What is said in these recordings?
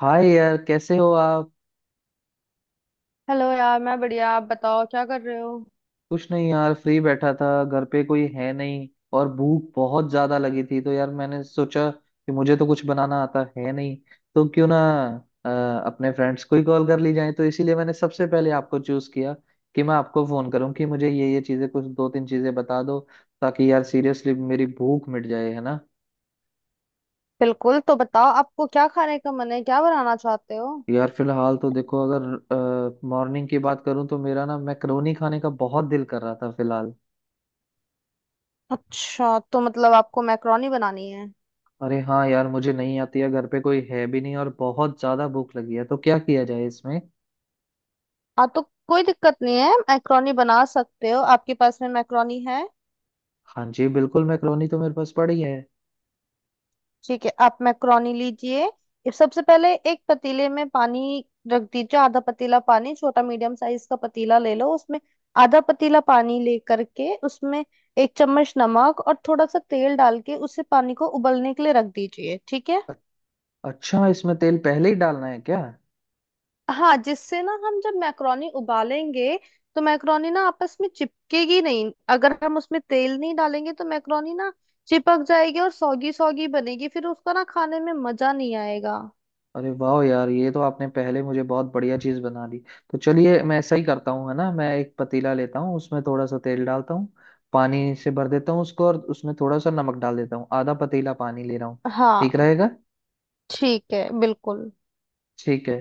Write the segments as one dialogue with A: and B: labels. A: हाय यार कैसे हो आप।
B: हेलो यार, मैं बढ़िया। आप बताओ, क्या कर रहे हो?
A: कुछ नहीं यार फ्री बैठा था घर पे कोई है नहीं। और भूख बहुत ज्यादा लगी थी तो यार मैंने सोचा कि मुझे तो कुछ बनाना आता है नहीं। तो क्यों ना अ, अपने फ्रेंड्स को ही कॉल कर ली जाए तो इसीलिए मैंने सबसे पहले आपको चूज किया कि मैं आपको फोन करूं कि मुझे ये चीजें कुछ दो तीन चीजें बता दो ताकि यार सीरियसली मेरी भूख मिट जाए, है ना।
B: बिल्कुल, तो बताओ आपको क्या खाने का मन है, क्या बनाना चाहते हो?
A: यार फिलहाल तो देखो, अगर मॉर्निंग की बात करूं तो मेरा ना मैक्रोनी खाने का बहुत दिल कर रहा था फिलहाल।
B: अच्छा, तो मतलब आपको मैक्रोनी बनानी है।
A: अरे हाँ यार, मुझे नहीं आती है, घर पे कोई है भी नहीं और बहुत ज्यादा भूख लगी है तो क्या किया जाए इसमें।
B: हाँ, तो कोई दिक्कत नहीं है, मैक्रोनी बना सकते हो। आपके पास में मैक्रोनी है?
A: हाँ जी, बिल्कुल, मैक्रोनी तो मेरे पास पड़ी है।
B: ठीक है, आप मैक्रोनी लीजिए। ये सबसे पहले एक पतीले में पानी रख दीजिए, आधा पतीला पानी। छोटा मीडियम साइज का पतीला ले लो, उसमें आधा पतीला पानी लेकर के उसमें 1 चम्मच नमक और थोड़ा सा तेल डाल के उसे पानी को उबलने के लिए रख दीजिए। ठीक है?
A: अ- अच्छा, इसमें तेल पहले ही डालना है क्या।
B: हाँ, जिससे ना हम जब मैक्रोनी उबालेंगे तो मैक्रोनी ना आपस में चिपकेगी नहीं। अगर हम उसमें तेल नहीं डालेंगे तो मैक्रोनी ना चिपक जाएगी और सौगी सौगी बनेगी, फिर उसका ना खाने में मजा नहीं आएगा।
A: अरे वाह यार, ये तो आपने पहले मुझे बहुत बढ़िया चीज बना दी। तो चलिए मैं ऐसा ही करता हूँ, है ना। मैं एक पतीला लेता हूँ, उसमें थोड़ा सा तेल डालता हूँ, पानी से भर देता हूँ उसको और उसमें थोड़ा सा नमक डाल देता हूँ। आधा पतीला पानी ले रहा हूँ, ठीक
B: हाँ,
A: रहेगा।
B: ठीक है बिल्कुल।
A: ठीक है।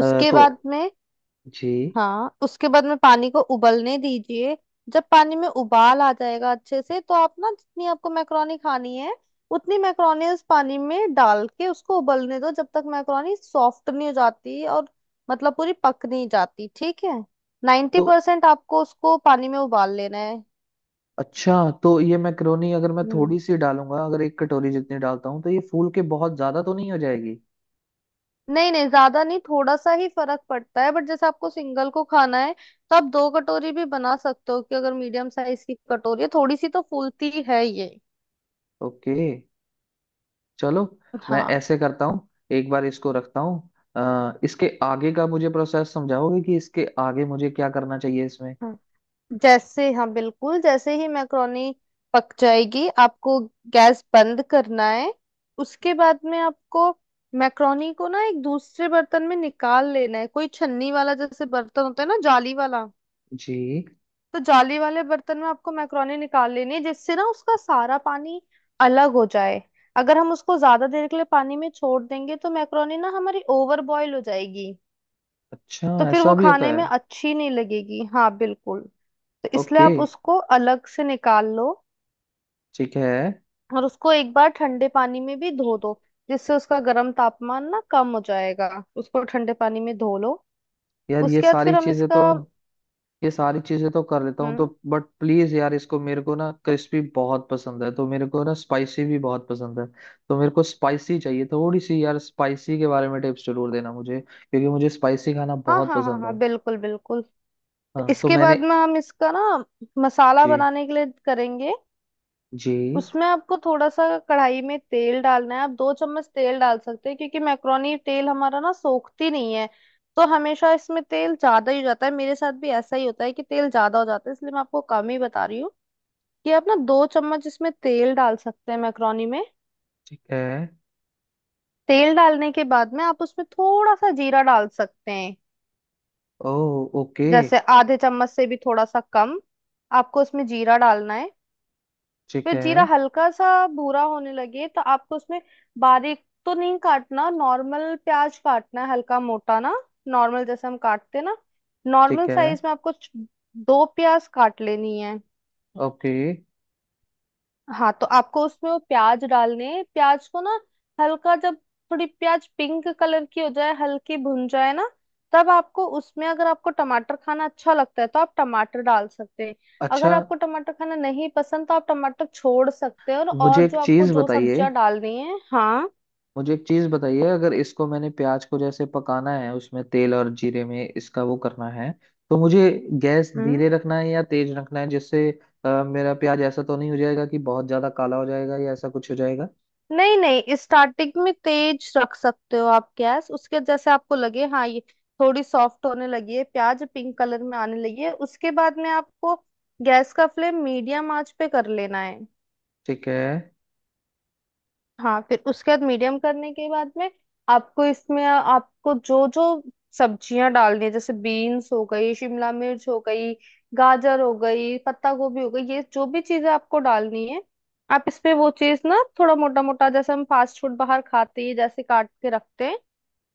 B: उसके बाद
A: तो
B: में,
A: जी।
B: हाँ, उसके बाद में पानी को उबलने दीजिए। जब पानी में उबाल आ जाएगा अच्छे से, तो आप ना जितनी आपको मैक्रोनी खानी है, उतनी मैक्रोनी उस पानी में डाल के उसको उबलने दो, जब तक मैक्रोनी सॉफ्ट नहीं हो जाती और मतलब पूरी पक नहीं जाती। ठीक है? नाइन्टी
A: तो
B: परसेंट आपको उसको पानी में उबाल लेना है।
A: अच्छा, तो ये मैक्रोनी अगर मैं
B: हम्म।
A: थोड़ी सी डालूंगा, अगर एक कटोरी जितनी डालता हूँ तो ये फूल के बहुत ज्यादा तो नहीं हो जाएगी।
B: नहीं नहीं, ज्यादा नहीं, थोड़ा सा ही फर्क पड़ता है। बट जैसे आपको सिंगल को खाना है तो आप दो कटोरी भी बना सकते हो, कि अगर मीडियम साइज की कटोरी है, थोड़ी सी तो फूलती ही है ये।
A: ओके, चलो। मैं
B: हाँ
A: ऐसे करता हूँ, एक बार इसको रखता हूँ। इसके आगे का मुझे प्रोसेस समझाओगे कि इसके आगे मुझे क्या करना चाहिए इसमें।
B: हाँ। जैसे हाँ, बिल्कुल, जैसे ही मैक्रोनी पक जाएगी आपको गैस बंद करना है। उसके बाद में आपको मैक्रोनी को ना एक दूसरे बर्तन में निकाल लेना है, कोई छन्नी वाला जैसे बर्तन होता है ना, जाली वाला।
A: जी।
B: तो जाली वाले बर्तन में आपको मैक्रोनी निकाल लेनी है, जिससे ना उसका सारा पानी अलग हो जाए। अगर हम उसको ज्यादा देर के लिए पानी में छोड़ देंगे तो मैक्रोनी ना हमारी ओवर बॉयल हो जाएगी,
A: अच्छा,
B: तो फिर वो
A: ऐसा भी
B: खाने
A: होता है।
B: में अच्छी नहीं लगेगी। हाँ बिल्कुल। तो इसलिए
A: ओके,
B: आप उसको अलग से निकाल लो,
A: ठीक है।
B: और उसको एक बार ठंडे पानी में भी धो दो, जिससे उसका गर्म तापमान ना कम हो जाएगा। उसको ठंडे पानी में धो लो।
A: यार ये
B: उसके बाद
A: सारी
B: फिर हम
A: चीजें तो,
B: इसका,
A: ये सारी चीजें तो कर लेता हूँ तो,
B: हम्म,
A: बट प्लीज यार, इसको मेरे को ना क्रिस्पी बहुत पसंद है तो, मेरे को ना स्पाइसी भी बहुत पसंद है। तो मेरे को स्पाइसी चाहिए थोड़ी सी यार। स्पाइसी के बारे में टिप्स जरूर देना मुझे, क्योंकि मुझे स्पाइसी खाना
B: हाँ
A: बहुत
B: हाँ हाँ
A: पसंद
B: हाँ,
A: है।
B: बिल्कुल बिल्कुल,
A: हाँ तो
B: इसके
A: मैंने।
B: बाद में हम इसका ना मसाला
A: जी।
B: बनाने के लिए करेंगे।
A: जी।
B: उसमें आपको थोड़ा सा कढ़ाई में तेल डालना है। आप 2 चम्मच तेल डाल सकते हैं, क्योंकि मैक्रोनी तेल हमारा ना सोखती नहीं है, तो हमेशा इसमें तेल ज्यादा ही हो जाता है। मेरे साथ भी ऐसा ही होता है कि तेल ज्यादा हो जाता है, इसलिए मैं आपको कम ही बता रही हूँ कि आप ना 2 चम्मच इसमें तेल डाल सकते हैं मैक्रोनी में।
A: ठीक है।
B: तेल डालने के बाद में आप उसमें थोड़ा सा जीरा डाल सकते हैं,
A: ओ, ओके।
B: जैसे आधे चम्मच से भी थोड़ा सा कम आपको उसमें जीरा डालना है।
A: ठीक
B: फिर
A: है।
B: जीरा हल्का सा भूरा होने लगे तो आपको उसमें, बारीक तो नहीं काटना, नॉर्मल प्याज काटना है, हल्का मोटा ना, नॉर्मल जैसे हम काटते ना,
A: ठीक
B: नॉर्मल
A: है।
B: साइज में आपको दो प्याज काट लेनी है।
A: ओके।
B: हाँ, तो आपको उसमें वो प्याज डालने हैं। प्याज को ना हल्का, जब थोड़ी प्याज पिंक कलर की हो जाए, हल्की भुन जाए ना, तब आपको उसमें, अगर आपको टमाटर खाना अच्छा लगता है तो आप टमाटर डाल सकते हैं।
A: अच्छा,
B: अगर आपको टमाटर खाना नहीं पसंद तो आप टमाटर छोड़ सकते हैं, और
A: मुझे
B: और
A: एक
B: जो आपको
A: चीज
B: जो
A: बताइए,
B: सब्जियां डालनी है, हाँ।
A: मुझे एक चीज बताइए, अगर इसको मैंने प्याज को जैसे पकाना है उसमें तेल और जीरे में इसका वो करना है तो मुझे गैस
B: हम्म।
A: धीरे रखना है या तेज रखना है जिससे मेरा प्याज ऐसा तो नहीं हो जाएगा कि बहुत ज्यादा काला हो जाएगा या ऐसा कुछ हो जाएगा।
B: नहीं नहीं, स्टार्टिंग में तेज रख सकते हो आप गैस, उसके जैसे आपको लगे हाँ ये थोड़ी सॉफ्ट होने लगी है, प्याज पिंक कलर में आने लगी है, उसके बाद में आपको गैस का फ्लेम मीडियम आंच पे कर लेना है।
A: ठीक है।
B: हाँ, फिर उसके बाद मीडियम करने के बाद में आपको इसमें आपको जो जो सब्जियां डालनी है, जैसे बीन्स हो गई, शिमला मिर्च हो गई, गाजर हो गई, पत्ता गोभी हो गई, ये जो भी चीजें आपको डालनी है आप इसपे वो चीज ना थोड़ा मोटा मोटा, जैसे हम फास्ट फूड बाहर खाते हैं जैसे काट के रखते हैं,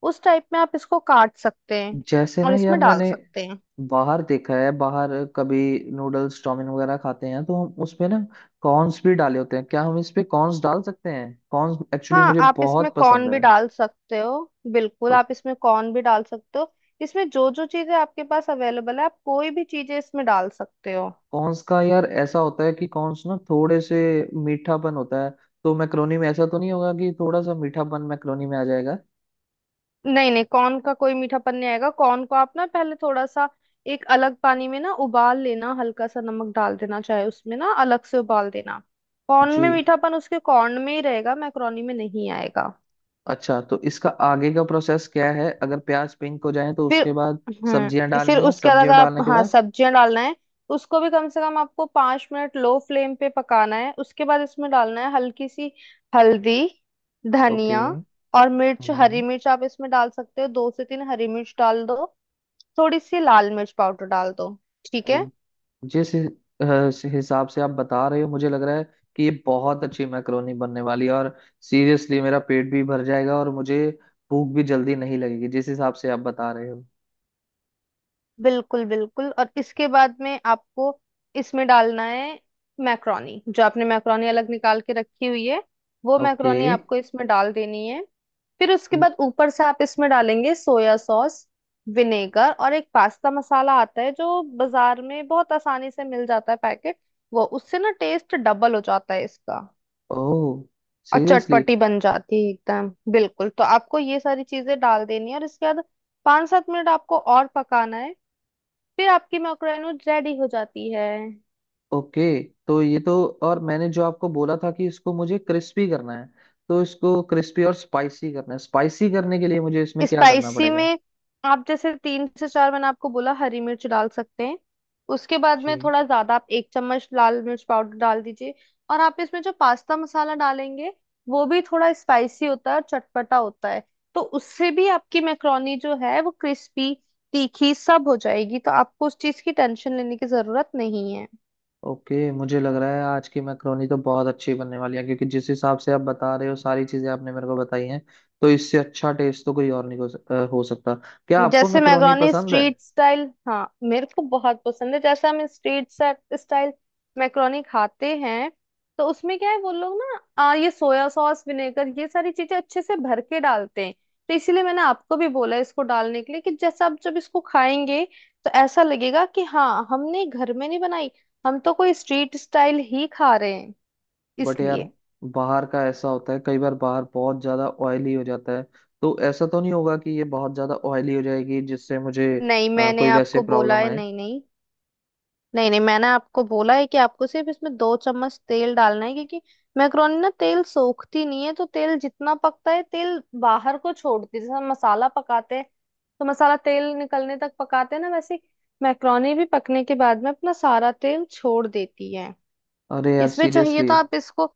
B: उस टाइप में आप इसको काट सकते हैं
A: जैसे
B: और
A: ना
B: इसमें
A: यार,
B: डाल
A: मैंने
B: सकते हैं।
A: बाहर देखा है, बाहर कभी नूडल्स चाउमीन वगैरह खाते हैं तो हम उसमें ना कॉर्न्स भी डाले होते हैं। क्या हम इस पे कॉर्न्स डाल सकते हैं? कॉर्न्स एक्चुअली
B: हाँ,
A: मुझे
B: आप इसमें
A: बहुत पसंद
B: कॉर्न भी डाल सकते हो, बिल्कुल,
A: है।
B: आप इसमें कॉर्न भी डाल सकते हो। इसमें जो जो चीजें आपके पास अवेलेबल है आप कोई भी चीजें इसमें डाल सकते हो।
A: कॉन्स का यार ऐसा होता है कि कॉन्स ना थोड़े से मीठापन होता है, तो मैक्रोनी में ऐसा तो नहीं होगा कि थोड़ा सा मीठापन मैक्रोनी में आ जाएगा।
B: नहीं नहीं, कॉर्न का कोई मीठापन नहीं आएगा। कॉर्न को आप ना पहले थोड़ा सा एक अलग पानी में ना उबाल लेना, हल्का सा नमक डाल देना, चाहे उसमें ना अलग से उबाल देना। कॉर्न
A: जी।
B: में मीठापन उसके कॉर्न में ही रहेगा, मैक्रोनी में नहीं आएगा।
A: अच्छा, तो इसका आगे का प्रोसेस क्या है, अगर प्याज पिंक हो जाए तो
B: फिर,
A: उसके बाद? सब्जियां
B: हम्म, फिर
A: डालनी है,
B: उसके अलग
A: सब्जियां
B: आप,
A: डालने के
B: हाँ,
A: बाद।
B: सब्जियां डालना है। उसको भी कम से कम आपको 5 मिनट लो फ्लेम पे पकाना है। उसके बाद इसमें डालना है हल्की सी हल्दी,
A: ओके।
B: धनिया, और मिर्च, हरी
A: हम्म।
B: मिर्च। आप इसमें डाल सकते हो, दो से तीन हरी मिर्च डाल दो, थोड़ी सी लाल मिर्च पाउडर डाल दो। ठीक है?
A: अरे, जिस हि- अ, स- हिसाब से आप बता रहे हो मुझे लग रहा है कि ये बहुत अच्छी मैक्रोनी बनने वाली है और सीरियसली मेरा पेट भी भर जाएगा और मुझे भूख भी जल्दी नहीं लगेगी, जिस हिसाब से आप बता रहे हो।
B: बिल्कुल बिल्कुल। और इसके बाद में आपको इसमें डालना है मैक्रोनी, जो आपने मैक्रोनी अलग निकाल के रखी हुई है, वो
A: ओके।
B: मैक्रोनी आपको इसमें डाल देनी है। फिर उसके बाद ऊपर से आप इसमें डालेंगे सोया सॉस, विनेगर, और एक पास्ता मसाला आता है जो बाजार में बहुत आसानी से मिल जाता है पैकेट, वो उससे ना टेस्ट डबल हो जाता है इसका,
A: ओह,
B: और
A: सीरियसली।
B: चटपटी बन जाती है एकदम बिल्कुल। तो आपको ये सारी चीजें डाल देनी है, और इसके बाद 5-7 मिनट आपको और पकाना है। फिर आपकी मैक्रोनूड रेडी हो जाती है।
A: ओके, तो ये तो, और मैंने जो आपको बोला था कि इसको मुझे क्रिस्पी करना है, तो इसको क्रिस्पी और स्पाइसी करना है। स्पाइसी करने के लिए मुझे इसमें क्या करना
B: स्पाइसी
A: पड़ेगा?
B: में आप जैसे तीन से चार, मैंने आपको बोला, हरी मिर्च डाल सकते हैं। उसके बाद
A: जी।
B: में थोड़ा ज्यादा आप 1 चम्मच लाल मिर्च पाउडर डाल दीजिए। और आप इसमें जो पास्ता मसाला डालेंगे, वो भी थोड़ा स्पाइसी होता है और चटपटा होता है, तो उससे भी आपकी मैक्रोनी जो है वो क्रिस्पी तीखी सब हो जाएगी, तो आपको उस चीज की टेंशन लेने की जरूरत नहीं है।
A: ओके, मुझे लग रहा है आज की मैक्रोनी तो बहुत अच्छी बनने वाली है, क्योंकि जिस हिसाब से आप बता रहे हो सारी चीजें आपने मेरे को बताई हैं, तो इससे अच्छा टेस्ट तो कोई और नहीं हो, हो सकता। क्या आपको
B: जैसे
A: मैक्रोनी
B: मैक्रोनी
A: पसंद है?
B: स्ट्रीट स्टाइल, हाँ मेरे को बहुत पसंद है। जैसे हम स्ट्रीट स्टाइल मैक्रोनी खाते हैं, तो उसमें क्या है, वो लोग ना ये सोया सॉस, विनेगर, ये सारी चीजें अच्छे से भर के डालते हैं। तो इसीलिए मैंने आपको भी बोला इसको डालने के लिए, कि जैसा आप जब इसको खाएंगे तो ऐसा लगेगा कि हाँ, हमने घर में नहीं बनाई, हम तो कोई स्ट्रीट स्टाइल ही खा रहे हैं,
A: बट यार,
B: इसलिए।
A: बाहर का ऐसा होता है, कई बार बाहर बहुत ज्यादा ऑयली हो जाता है, तो ऐसा तो नहीं होगा कि ये बहुत ज्यादा ऑयली हो जाएगी जिससे मुझे
B: नहीं, मैंने
A: कोई वैसे
B: आपको बोला
A: प्रॉब्लम
B: है,
A: आए।
B: नहीं नहीं नहीं नहीं, मैंने आपको बोला है कि आपको सिर्फ इसमें 2 चम्मच तेल डालना है, क्योंकि मैक्रोनी ना तेल सोखती नहीं है, तो तेल जितना पकता है तेल बाहर को छोड़ती है। जैसे हम मसाला पकाते हैं तो मसाला तेल निकलने तक पकाते हैं ना, वैसे मैक्रोनी भी पकने के बाद में अपना सारा तेल छोड़ देती है।
A: अरे यार,
B: इसमें चाहिए
A: सीरियसली।
B: तो आप इसको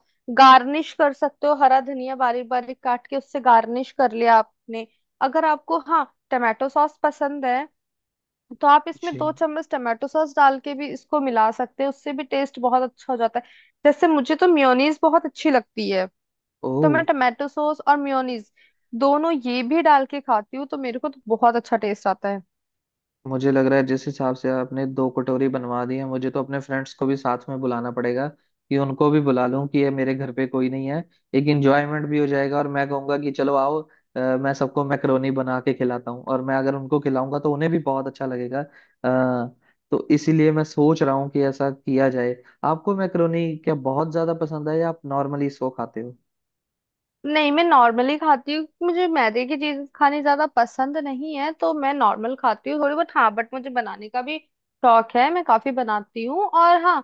B: गार्निश कर सकते हो, हरा धनिया बारीक बारीक काट के उससे गार्निश कर लिया आपने। अगर आपको, हाँ, टमाटो सॉस पसंद है, तो आप इसमें
A: जी।
B: 2 चम्मच टमाटो सॉस डाल के भी इसको मिला सकते हैं, उससे भी टेस्ट बहुत अच्छा हो जाता है। जैसे मुझे तो मेयोनीज बहुत अच्छी लगती है, तो मैं
A: ओह।
B: टमाटो सॉस और मेयोनीज दोनों ये भी डाल के खाती हूँ, तो मेरे को तो बहुत अच्छा टेस्ट आता है।
A: मुझे लग रहा है, जिस हिसाब से आपने दो कटोरी बनवा दी है, मुझे तो अपने फ्रेंड्स को भी साथ में बुलाना पड़ेगा कि उनको भी बुला लूं, कि ये मेरे घर पे कोई नहीं है, एक इंजॉयमेंट भी हो जाएगा। और मैं कहूंगा कि चलो आओ, मैं सबको मैकरोनी बना के खिलाता हूँ, और मैं अगर उनको खिलाऊंगा तो उन्हें भी बहुत अच्छा लगेगा। आ, तो इसीलिए मैं सोच रहा हूँ कि ऐसा किया जाए। आपको मैकरोनी क्या बहुत ज्यादा पसंद है, या आप नॉर्मली इसको खाते हो?
B: नहीं, मैं नॉर्मली खाती हूँ। मुझे मैदे की चीज खानी ज्यादा पसंद नहीं है, तो मैं नॉर्मल खाती हूँ, थोड़ी बहुत। हाँ, बट मुझे बनाने का भी शौक है, मैं काफी बनाती हूँ, और हाँ,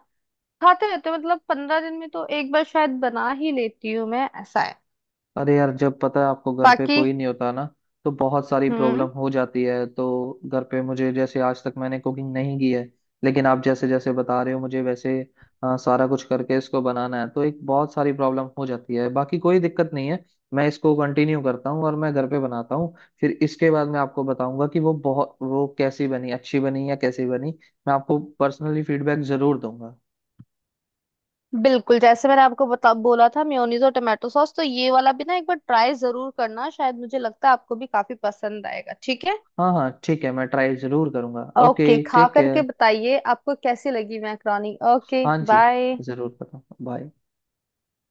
B: खाते रहते हैं, मतलब 15 दिन में तो एक बार शायद बना ही लेती हूँ मैं, ऐसा है
A: अरे यार, जब पता है आपको घर पे
B: बाकी।
A: कोई नहीं होता ना, तो बहुत सारी प्रॉब्लम
B: हम्म,
A: हो जाती है। तो घर पे मुझे, जैसे आज तक मैंने कुकिंग नहीं की है, लेकिन आप जैसे जैसे बता रहे हो मुझे, वैसे सारा कुछ करके इसको बनाना है, तो एक बहुत सारी प्रॉब्लम हो जाती है। बाकी कोई दिक्कत नहीं है, मैं इसको कंटिन्यू करता हूँ और मैं घर पे बनाता हूँ। फिर इसके बाद मैं आपको बताऊंगा कि वो बहुत, वो कैसी बनी, अच्छी बनी या कैसी बनी। मैं आपको पर्सनली फीडबैक जरूर दूंगा।
B: बिल्कुल। जैसे मैंने आपको बता बोला था, मेयोनीज और टोमेटो सॉस, तो ये वाला भी ना एक बार ट्राई जरूर करना, शायद मुझे लगता है आपको भी काफी पसंद आएगा। ठीक है?
A: हाँ हाँ ठीक है, मैं ट्राई जरूर करूंगा। ओके,
B: ओके, खा
A: टेक
B: करके
A: केयर।
B: बताइए आपको कैसी लगी मैक्रोनी। ओके,
A: हाँ जी,
B: बाय।
A: जरूर बताऊँ। बाय।